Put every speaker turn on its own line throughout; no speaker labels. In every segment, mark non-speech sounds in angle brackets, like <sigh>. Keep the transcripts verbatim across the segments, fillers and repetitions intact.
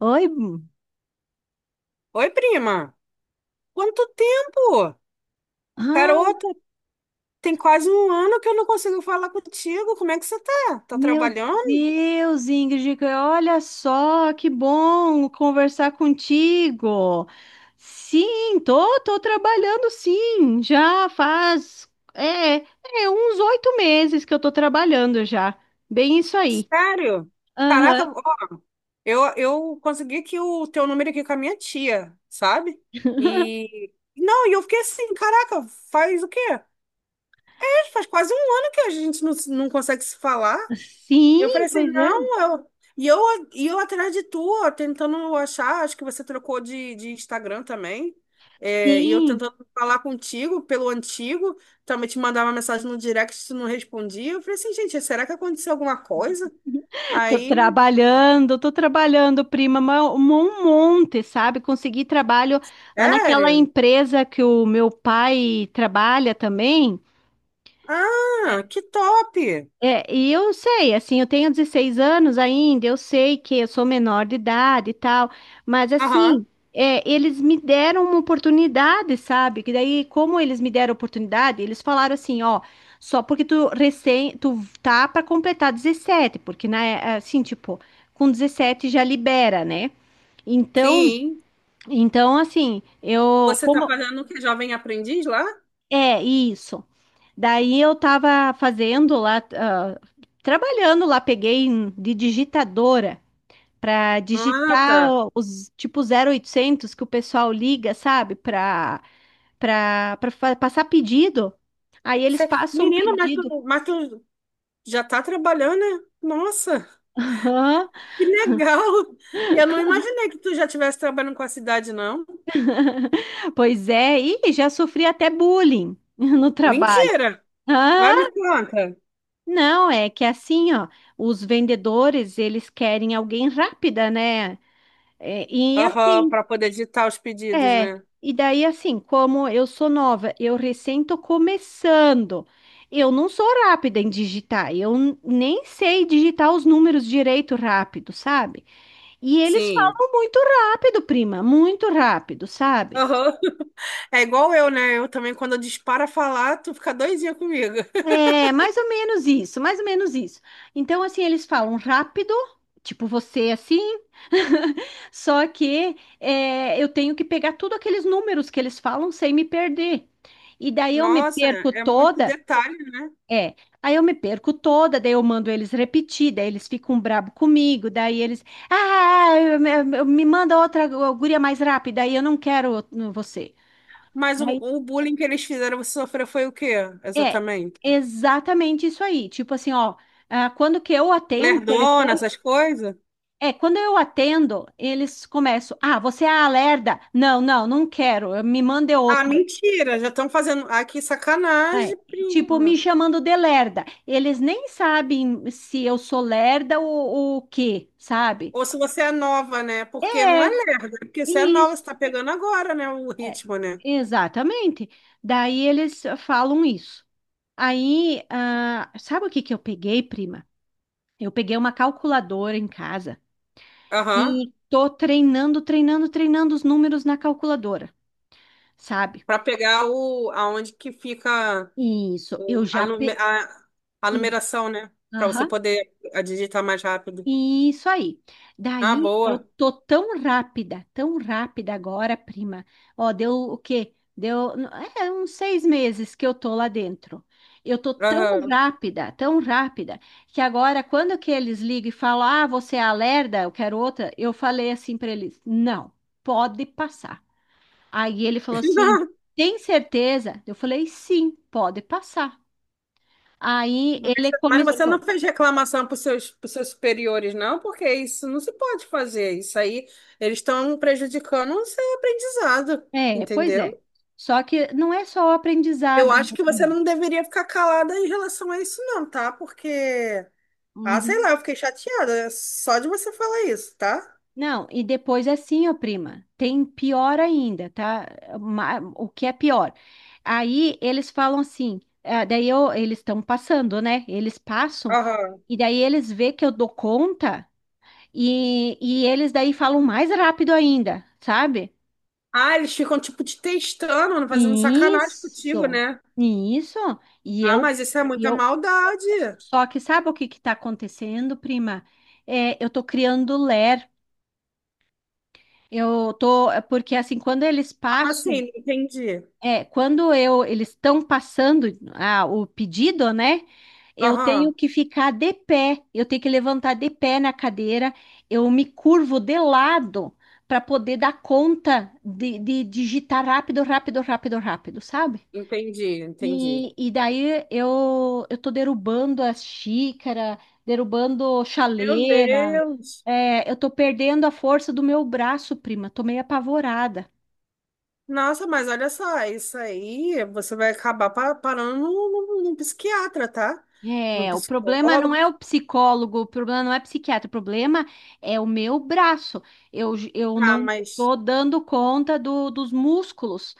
Oi? Bu-
Oi, prima. Quanto tempo?
Ai,
Garota, tem quase um ano que eu não consigo falar contigo. Como é que você tá? Tá
meu
trabalhando?
Deus, Ingrid, olha só, que bom conversar contigo. Sim, tô, tô trabalhando sim, já faz é, é, uns oito meses que eu tô trabalhando já. Bem isso aí.
Sério?
Aham.
Caraca, ó, eu, eu consegui aqui o teu número aqui com a minha tia, sabe? E não, e eu fiquei assim, caraca, faz o quê? Faz quase um ano que a gente não, se- não consegue se falar.
Sim,
Eu falei assim,
pois é.
não, eu... E eu, e eu atrás de tu, ó, tentando achar, acho que você trocou de, de Instagram também. É, e eu
Sim.
tentando falar contigo pelo antigo, também te mandava mensagem no direct, tu não respondia. Eu falei assim, gente, será que aconteceu alguma coisa?
Tô
Aí,
trabalhando, tô trabalhando, prima, ma- um monte, sabe? Consegui trabalho lá naquela
sério?
empresa que o meu pai trabalha também.
Ah, que top!
É, e eu sei, assim, eu tenho dezesseis anos ainda, eu sei que eu sou menor de idade e tal, mas
Aham,
assim, é, eles me deram uma oportunidade, sabe? Que daí, como eles me deram oportunidade, eles falaram assim, ó, só porque tu recém, tu tá pra completar dezessete, porque na, é, assim, tipo, com dezessete já libera, né? Então,
sim.
então assim, eu
Você tá
como
fazendo o que, Jovem Aprendiz lá?
é, isso. Daí eu tava fazendo lá, ah, trabalhando lá, peguei em- de digitadora para
Ah, tá.
digitar os tipo zero oitocentos que o pessoal liga, sabe, para para para passar pedido. Aí eles
Cê...
passam um
Menina, mas tu,
pedido.
mas tu já tá trabalhando, né? Nossa!
Aham,
Que legal! Eu não imaginei que tu já estivesse trabalhando com a cidade, não.
pois é, e já sofri até bullying <laughs> no trabalho.
Mentira!
Ah,
Vai me conta.
não, é que é assim, ó, os vendedores, eles querem alguém rápida, né? É, e
Aham,
assim,
para poder digitar os pedidos,
é,
né?
e daí assim, como eu sou nova, eu recém tô começando. Eu não sou rápida em digitar, eu n- nem sei digitar os números direito rápido, sabe? E eles
Sim.
falam muito rápido, prima, muito rápido, sabe?
Aham. É igual eu, né? Eu também, quando eu disparo a falar, tu fica doidinha comigo.
É, mais ou menos isso, mais ou menos isso. Então, assim, eles falam rápido, tipo você assim, <laughs> só que é, eu tenho que pegar tudo aqueles números que eles falam sem me perder. E daí eu me
Nossa,
perco
é muito
toda.
detalhe, né?
É, aí eu me perco toda, daí eu mando eles repetir, daí eles ficam brabo comigo, daí eles, ah, eu- eu- eu- me manda outra gu- guria mais rápida, aí eu não quero o- você.
Mas o,
Aí,
o bullying que eles fizeram você sofrer foi o quê,
é,
exatamente?
exatamente isso aí, tipo assim, ó, ah, quando que eu atendo o
Lerdona,
telefone,
essas coisas?
é, quando eu atendo, eles começam, ah, você é a lerda, não, não, não quero, me manda é
Ah,
outra.
mentira! Já estão fazendo aqui
É,
sacanagem,
tipo, me
prima.
chamando de lerda. Eles nem sabem se eu sou lerda ou ou o quê, sabe?
Ou se você é nova, né? Porque não é
É,
lerda, é porque você é nova, você
isso,
tá pegando agora, né? O
é,
ritmo, né?
exatamente. Daí eles falam isso. Aí, ah, sabe o que que eu peguei, prima? Eu peguei uma calculadora em casa
Aham.
e tô treinando, treinando, treinando os números na calculadora, sabe?
Pra pegar o, aonde que fica
Isso, eu
o- a,
já
nume-
peguei.
a, a numeração, né? Pra você poder a digitar mais rápido.
E isso aí.
Ah,
Daí eu
boa.
tô tão rápida, tão rápida agora, prima. Ó, deu o quê? Deu, n- é, uns seis meses que eu tô lá dentro. Eu tô tão
Aham.
rápida, tão rápida, que agora, quando que eles ligam e falam, ah, você é a Lerda, eu quero outra, eu falei assim para eles, não, pode passar. Aí ele falou assim,
<laughs>
tem certeza? Eu falei, sim, pode passar. Aí
Mas
ele
mas você não
começou.
fez reclamação para os seus, pros seus superiores, não? Porque isso não se pode fazer. Isso aí, eles estão prejudicando o seu aprendizado,
É, pois é.
entendeu?
Só que não é só o
Eu
aprendizado,
acho
né,
que você
prima?
não deveria ficar calada em relação a isso, não, tá? Porque, ah, sei
Uhum.
lá, eu fiquei chateada é só de você falar isso, tá?
Não, e depois assim, ó, prima, tem pior ainda, tá? Ma- O que é pior? Aí eles falam assim, ah, daí eu- eles estão passando, né? Eles passam,
Aham.
e daí eles vê que eu dou conta, e, e eles daí falam mais rápido ainda, sabe?
Ah, eles ficam, tipo, te testando, fazendo sacanagem contigo,
Isso,
né?
isso. E
Ah,
eu,
mas isso é
e
muita
eu
maldade.
Só que sabe o que que tá acontecendo, prima? É, eu tô criando ler. Eu tô, é, porque assim, quando eles
Como
passam,
assim? Não entendi.
é, quando eu, eles estão passando ah, o pedido, né? Eu tenho
Aham.
que ficar de pé, eu tenho que levantar de pé na cadeira, eu me curvo de lado para poder dar conta de, de digitar rápido, rápido, rápido, rápido, sabe?
Entendi, entendi.
E, e daí eu, eu tô derrubando as xícaras, derrubando
Meu
chaleira.
Deus.
É, eu tô perdendo a força do meu braço, prima. Tô meio apavorada.
Nossa, mas olha só, isso aí você vai acabar pa- parando num num- num psiquiatra, tá? Num
É, o problema não
psicólogo.
é o psicólogo, o problema não é psiquiatra, o problema é o meu braço. Eu, j- eu
Ah,
não
mas
tô dando conta do, dos músculos.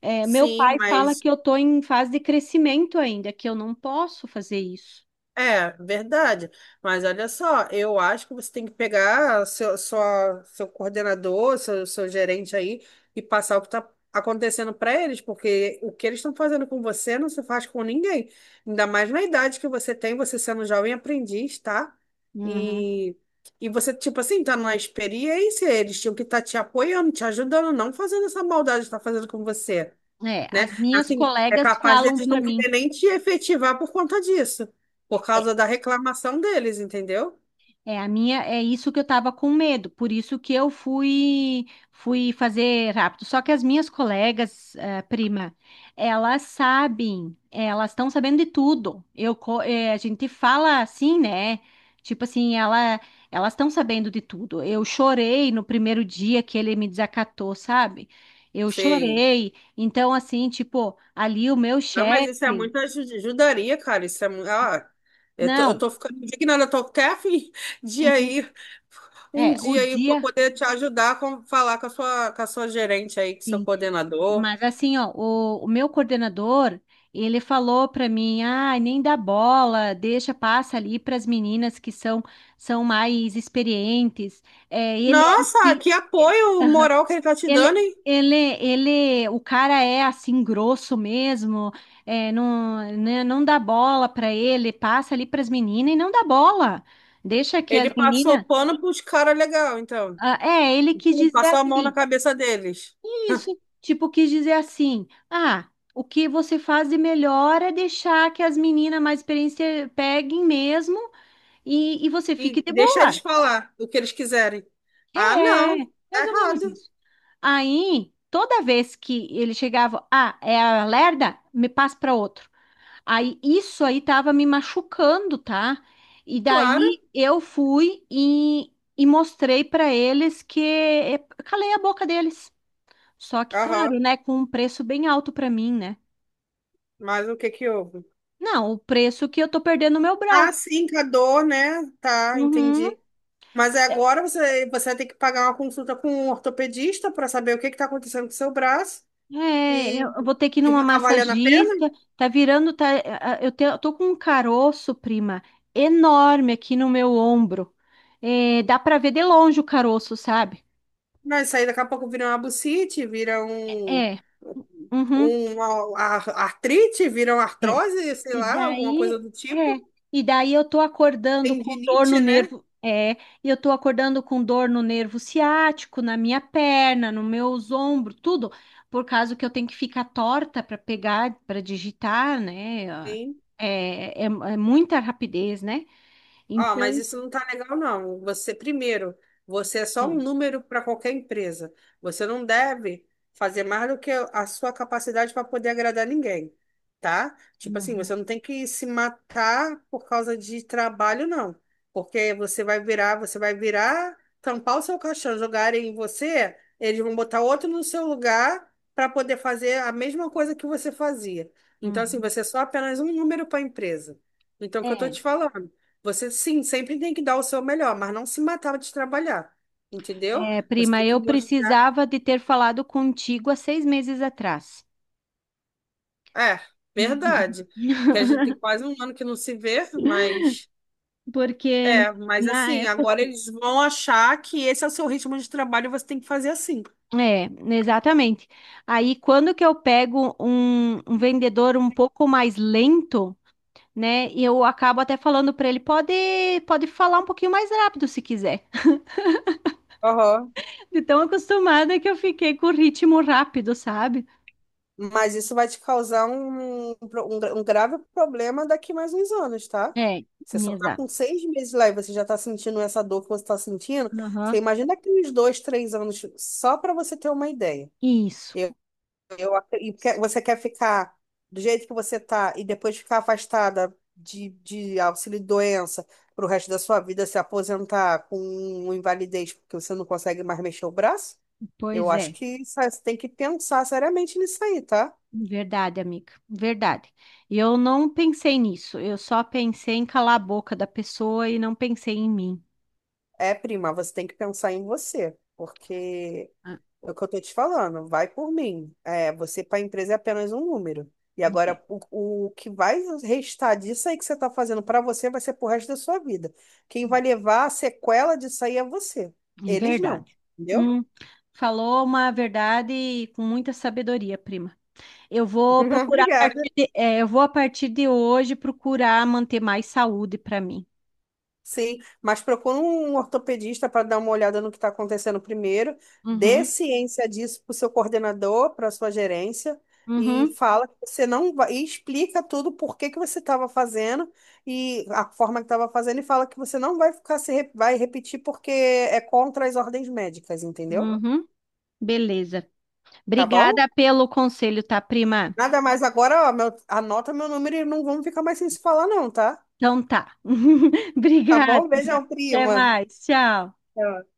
É, meu
sim,
pai fala
mas
que eu tô em fase de crescimento ainda, que eu não posso fazer isso.
é, verdade. Mas olha só, eu acho que você tem que pegar seu, sua, seu coordenador, seu, seu gerente aí e passar o que está acontecendo para eles, porque o que eles estão fazendo com você não se faz com ninguém. Ainda mais na idade que você tem, você sendo jovem aprendiz, tá?
Uhum.
E, e você, tipo assim, tá na experiência, eles tinham que estar te apoiando, te ajudando, não fazendo essa maldade que está fazendo com você,
É,
né?
as minhas
Assim, é
colegas
capaz
falam
deles
para
não
mim.
querer nem te efetivar por conta disso, por causa da reclamação deles, entendeu?
É, a minha é isso que eu tava com medo, por isso que eu fui fui fazer rápido. Só que as minhas colegas, eh, prima, elas sabem, elas estão sabendo de tudo. Eu co- eh, a gente fala assim, né? Tipo assim, ela elas estão sabendo de tudo. Eu chorei no primeiro dia que ele me desacatou, sabe? Eu
Sei.
chorei. Então assim, tipo, ali o meu
Não, mas isso é
chefe,
muita aju- ajudaria, cara. Isso é muito. Ah, eu tô, eu
não,
tô ficando indignada, eu tô até a fim <laughs> de
uhum,
aí, um
é, o
dia aí, pra
dia
poder te ajudar a com- falar com a sua, com a sua gerente aí, com seu
sim.
coordenador.
Mas assim, ó, o, o meu coordenador, ele falou para mim, ah, nem dá bola, deixa, passa ali para as meninas que são são mais experientes. É, ele é
Nossa,
assim,
que apoio moral que ele tá te
ele,
dando, hein?
ele, ele, o cara é assim grosso mesmo, é, não, né, não dá bola para ele, passa ali para as meninas e não dá bola, deixa que as
Ele passou
meninas.
pano pros caras legal, então.
Ah, é, ele quis dizer
Passou a mão na
assim.
cabeça deles.
Isso, tipo, quis dizer assim, ah, o que você faz de melhor é deixar que as meninas mais experientes peguem mesmo e, e você fique
E
de
deixa eles
boa.
falar o que eles quiserem. Ah,
É,
não, tá
mais ou menos
errado,
isso. Aí, toda vez que ele chegava, ah, é a Lerda, me passa para outro. Aí, isso aí tava me machucando, tá? E
claro.
daí eu fui e, e mostrei para eles que é, calei a boca deles. Só que,
Aham,
claro, né, com um preço bem alto para mim, né?
mas o que que houve?
Não, o preço que eu tô perdendo o meu
Ah,
braço.
sim, com a dor, né? Tá,
Uhum.
entendi. Mas é agora você, você vai ter que pagar uma consulta com um ortopedista para saber o que que tá acontecendo com o seu braço
É,
e,
eu vou ter que ir
e
numa
vai tá valendo a pena?
massagista. Tá virando, tá, a- eu te- eu tô com um caroço, prima, enorme aqui no meu ombro. É, dá pra ver de longe o caroço, sabe?
Não, isso aí daqui a pouco vira uma bucite, vira um,
É, uhum,
uma ar- artrite, vira uma
é.
artrose, sei
E
lá, alguma coisa
daí,
do tipo.
é, e daí eu tô acordando com dor no
Tendinite, né?
nervo, é, e eu tô acordando com dor no nervo ciático, na minha perna, nos meus ombros, tudo, por causa que eu tenho que ficar torta para pegar, para digitar, né?
Sim.
É, é, é muita rapidez, né?
Ó, mas
Então,
isso não tá legal, não. Você, primeiro, você é só um número para qualquer empresa. Você não deve fazer mais do que a sua capacidade para poder agradar ninguém, tá? Tipo assim,
uhum,
você não tem que se matar por causa de trabalho, não. Porque você vai virar, você vai virar, tampar o seu caixão, jogarem em você, eles vão botar outro no seu lugar para poder fazer a mesma coisa que você fazia. Então, assim,
uhum,
você é só apenas um número para a empresa. Então, é o que eu tô
é,
te falando? Você sim, sempre tem que dar o seu melhor, mas não se matar de trabalhar, entendeu?
é,
Você
prima,
tem que
eu
mostrar.
precisava de ter falado contigo há seis meses atrás.
É, verdade. Porque
<laughs>
a gente tem quase um ano que não se vê, mas.
Porque
É, mas
na
assim, agora
época
eles vão achar que esse é o seu ritmo de trabalho e você tem que fazer assim.
é, exatamente. Aí quando que eu pego um, um vendedor um pouco mais lento, né? E eu acabo até falando para ele, pode, pode falar um pouquinho mais rápido se quiser.
Aham.
<laughs> De tão acostumada que eu fiquei com o ritmo rápido, sabe?
Mas isso vai te causar um, um pro- um, gra- um grave problema daqui mais uns anos, tá?
É,
Você só tá com
exato.
seis meses lá e você já tá sentindo essa dor que você tá sentindo. Você
Aham.
imagina daqui uns dois, três anos, só para você ter uma ideia.
Isso.
Eu, eu, ac- e que- Você quer ficar do jeito que você tá e depois ficar afastada de, de auxílio-doença pro resto da sua vida, se aposentar com uma invalidez porque você não consegue mais mexer o braço? Eu
Pois
acho
é.
que isso- você tem que pensar seriamente nisso aí, tá?
Verdade, amiga. Verdade. E eu não pensei nisso. Eu só pensei em calar a boca da pessoa e não pensei em mim.
É, prima, você tem que pensar em você, porque
Ah,
é o que eu tô te falando, vai por mim. É, você para a empresa é apenas um número. E
ok.
agora o, o que vai restar disso aí que você tá fazendo para você vai ser pro resto da sua vida. Quem vai levar a sequela disso aí é você.
É
Eles não,
verdade.
entendeu?
Hum, falou uma verdade com muita sabedoria, prima. Eu vou
<laughs>
procurar a
Obrigada.
partir de, é, eu vou a partir de hoje procurar manter mais saúde para mim.
Sim, mas procura um ortopedista para dar uma olhada no que está acontecendo primeiro, dê
Uhum,
ciência disso para o seu coordenador, para a sua gerência, e
uhum,
fala que você não vai, e explica tudo por que que você estava fazendo e a forma que estava fazendo, e fala que você não vai ficar se re- vai repetir porque é contra as ordens médicas, entendeu?
uhum. Beleza.
Tá bom?
Obrigada pelo conselho, tá, prima?
Nada mais agora, ó, meu, anota meu número e não vamos ficar mais sem se falar, não, tá?
Então tá. <laughs>
Tá
Obrigada.
bom? Beijão,
Até
prima.
mais. Tchau.
Tchau.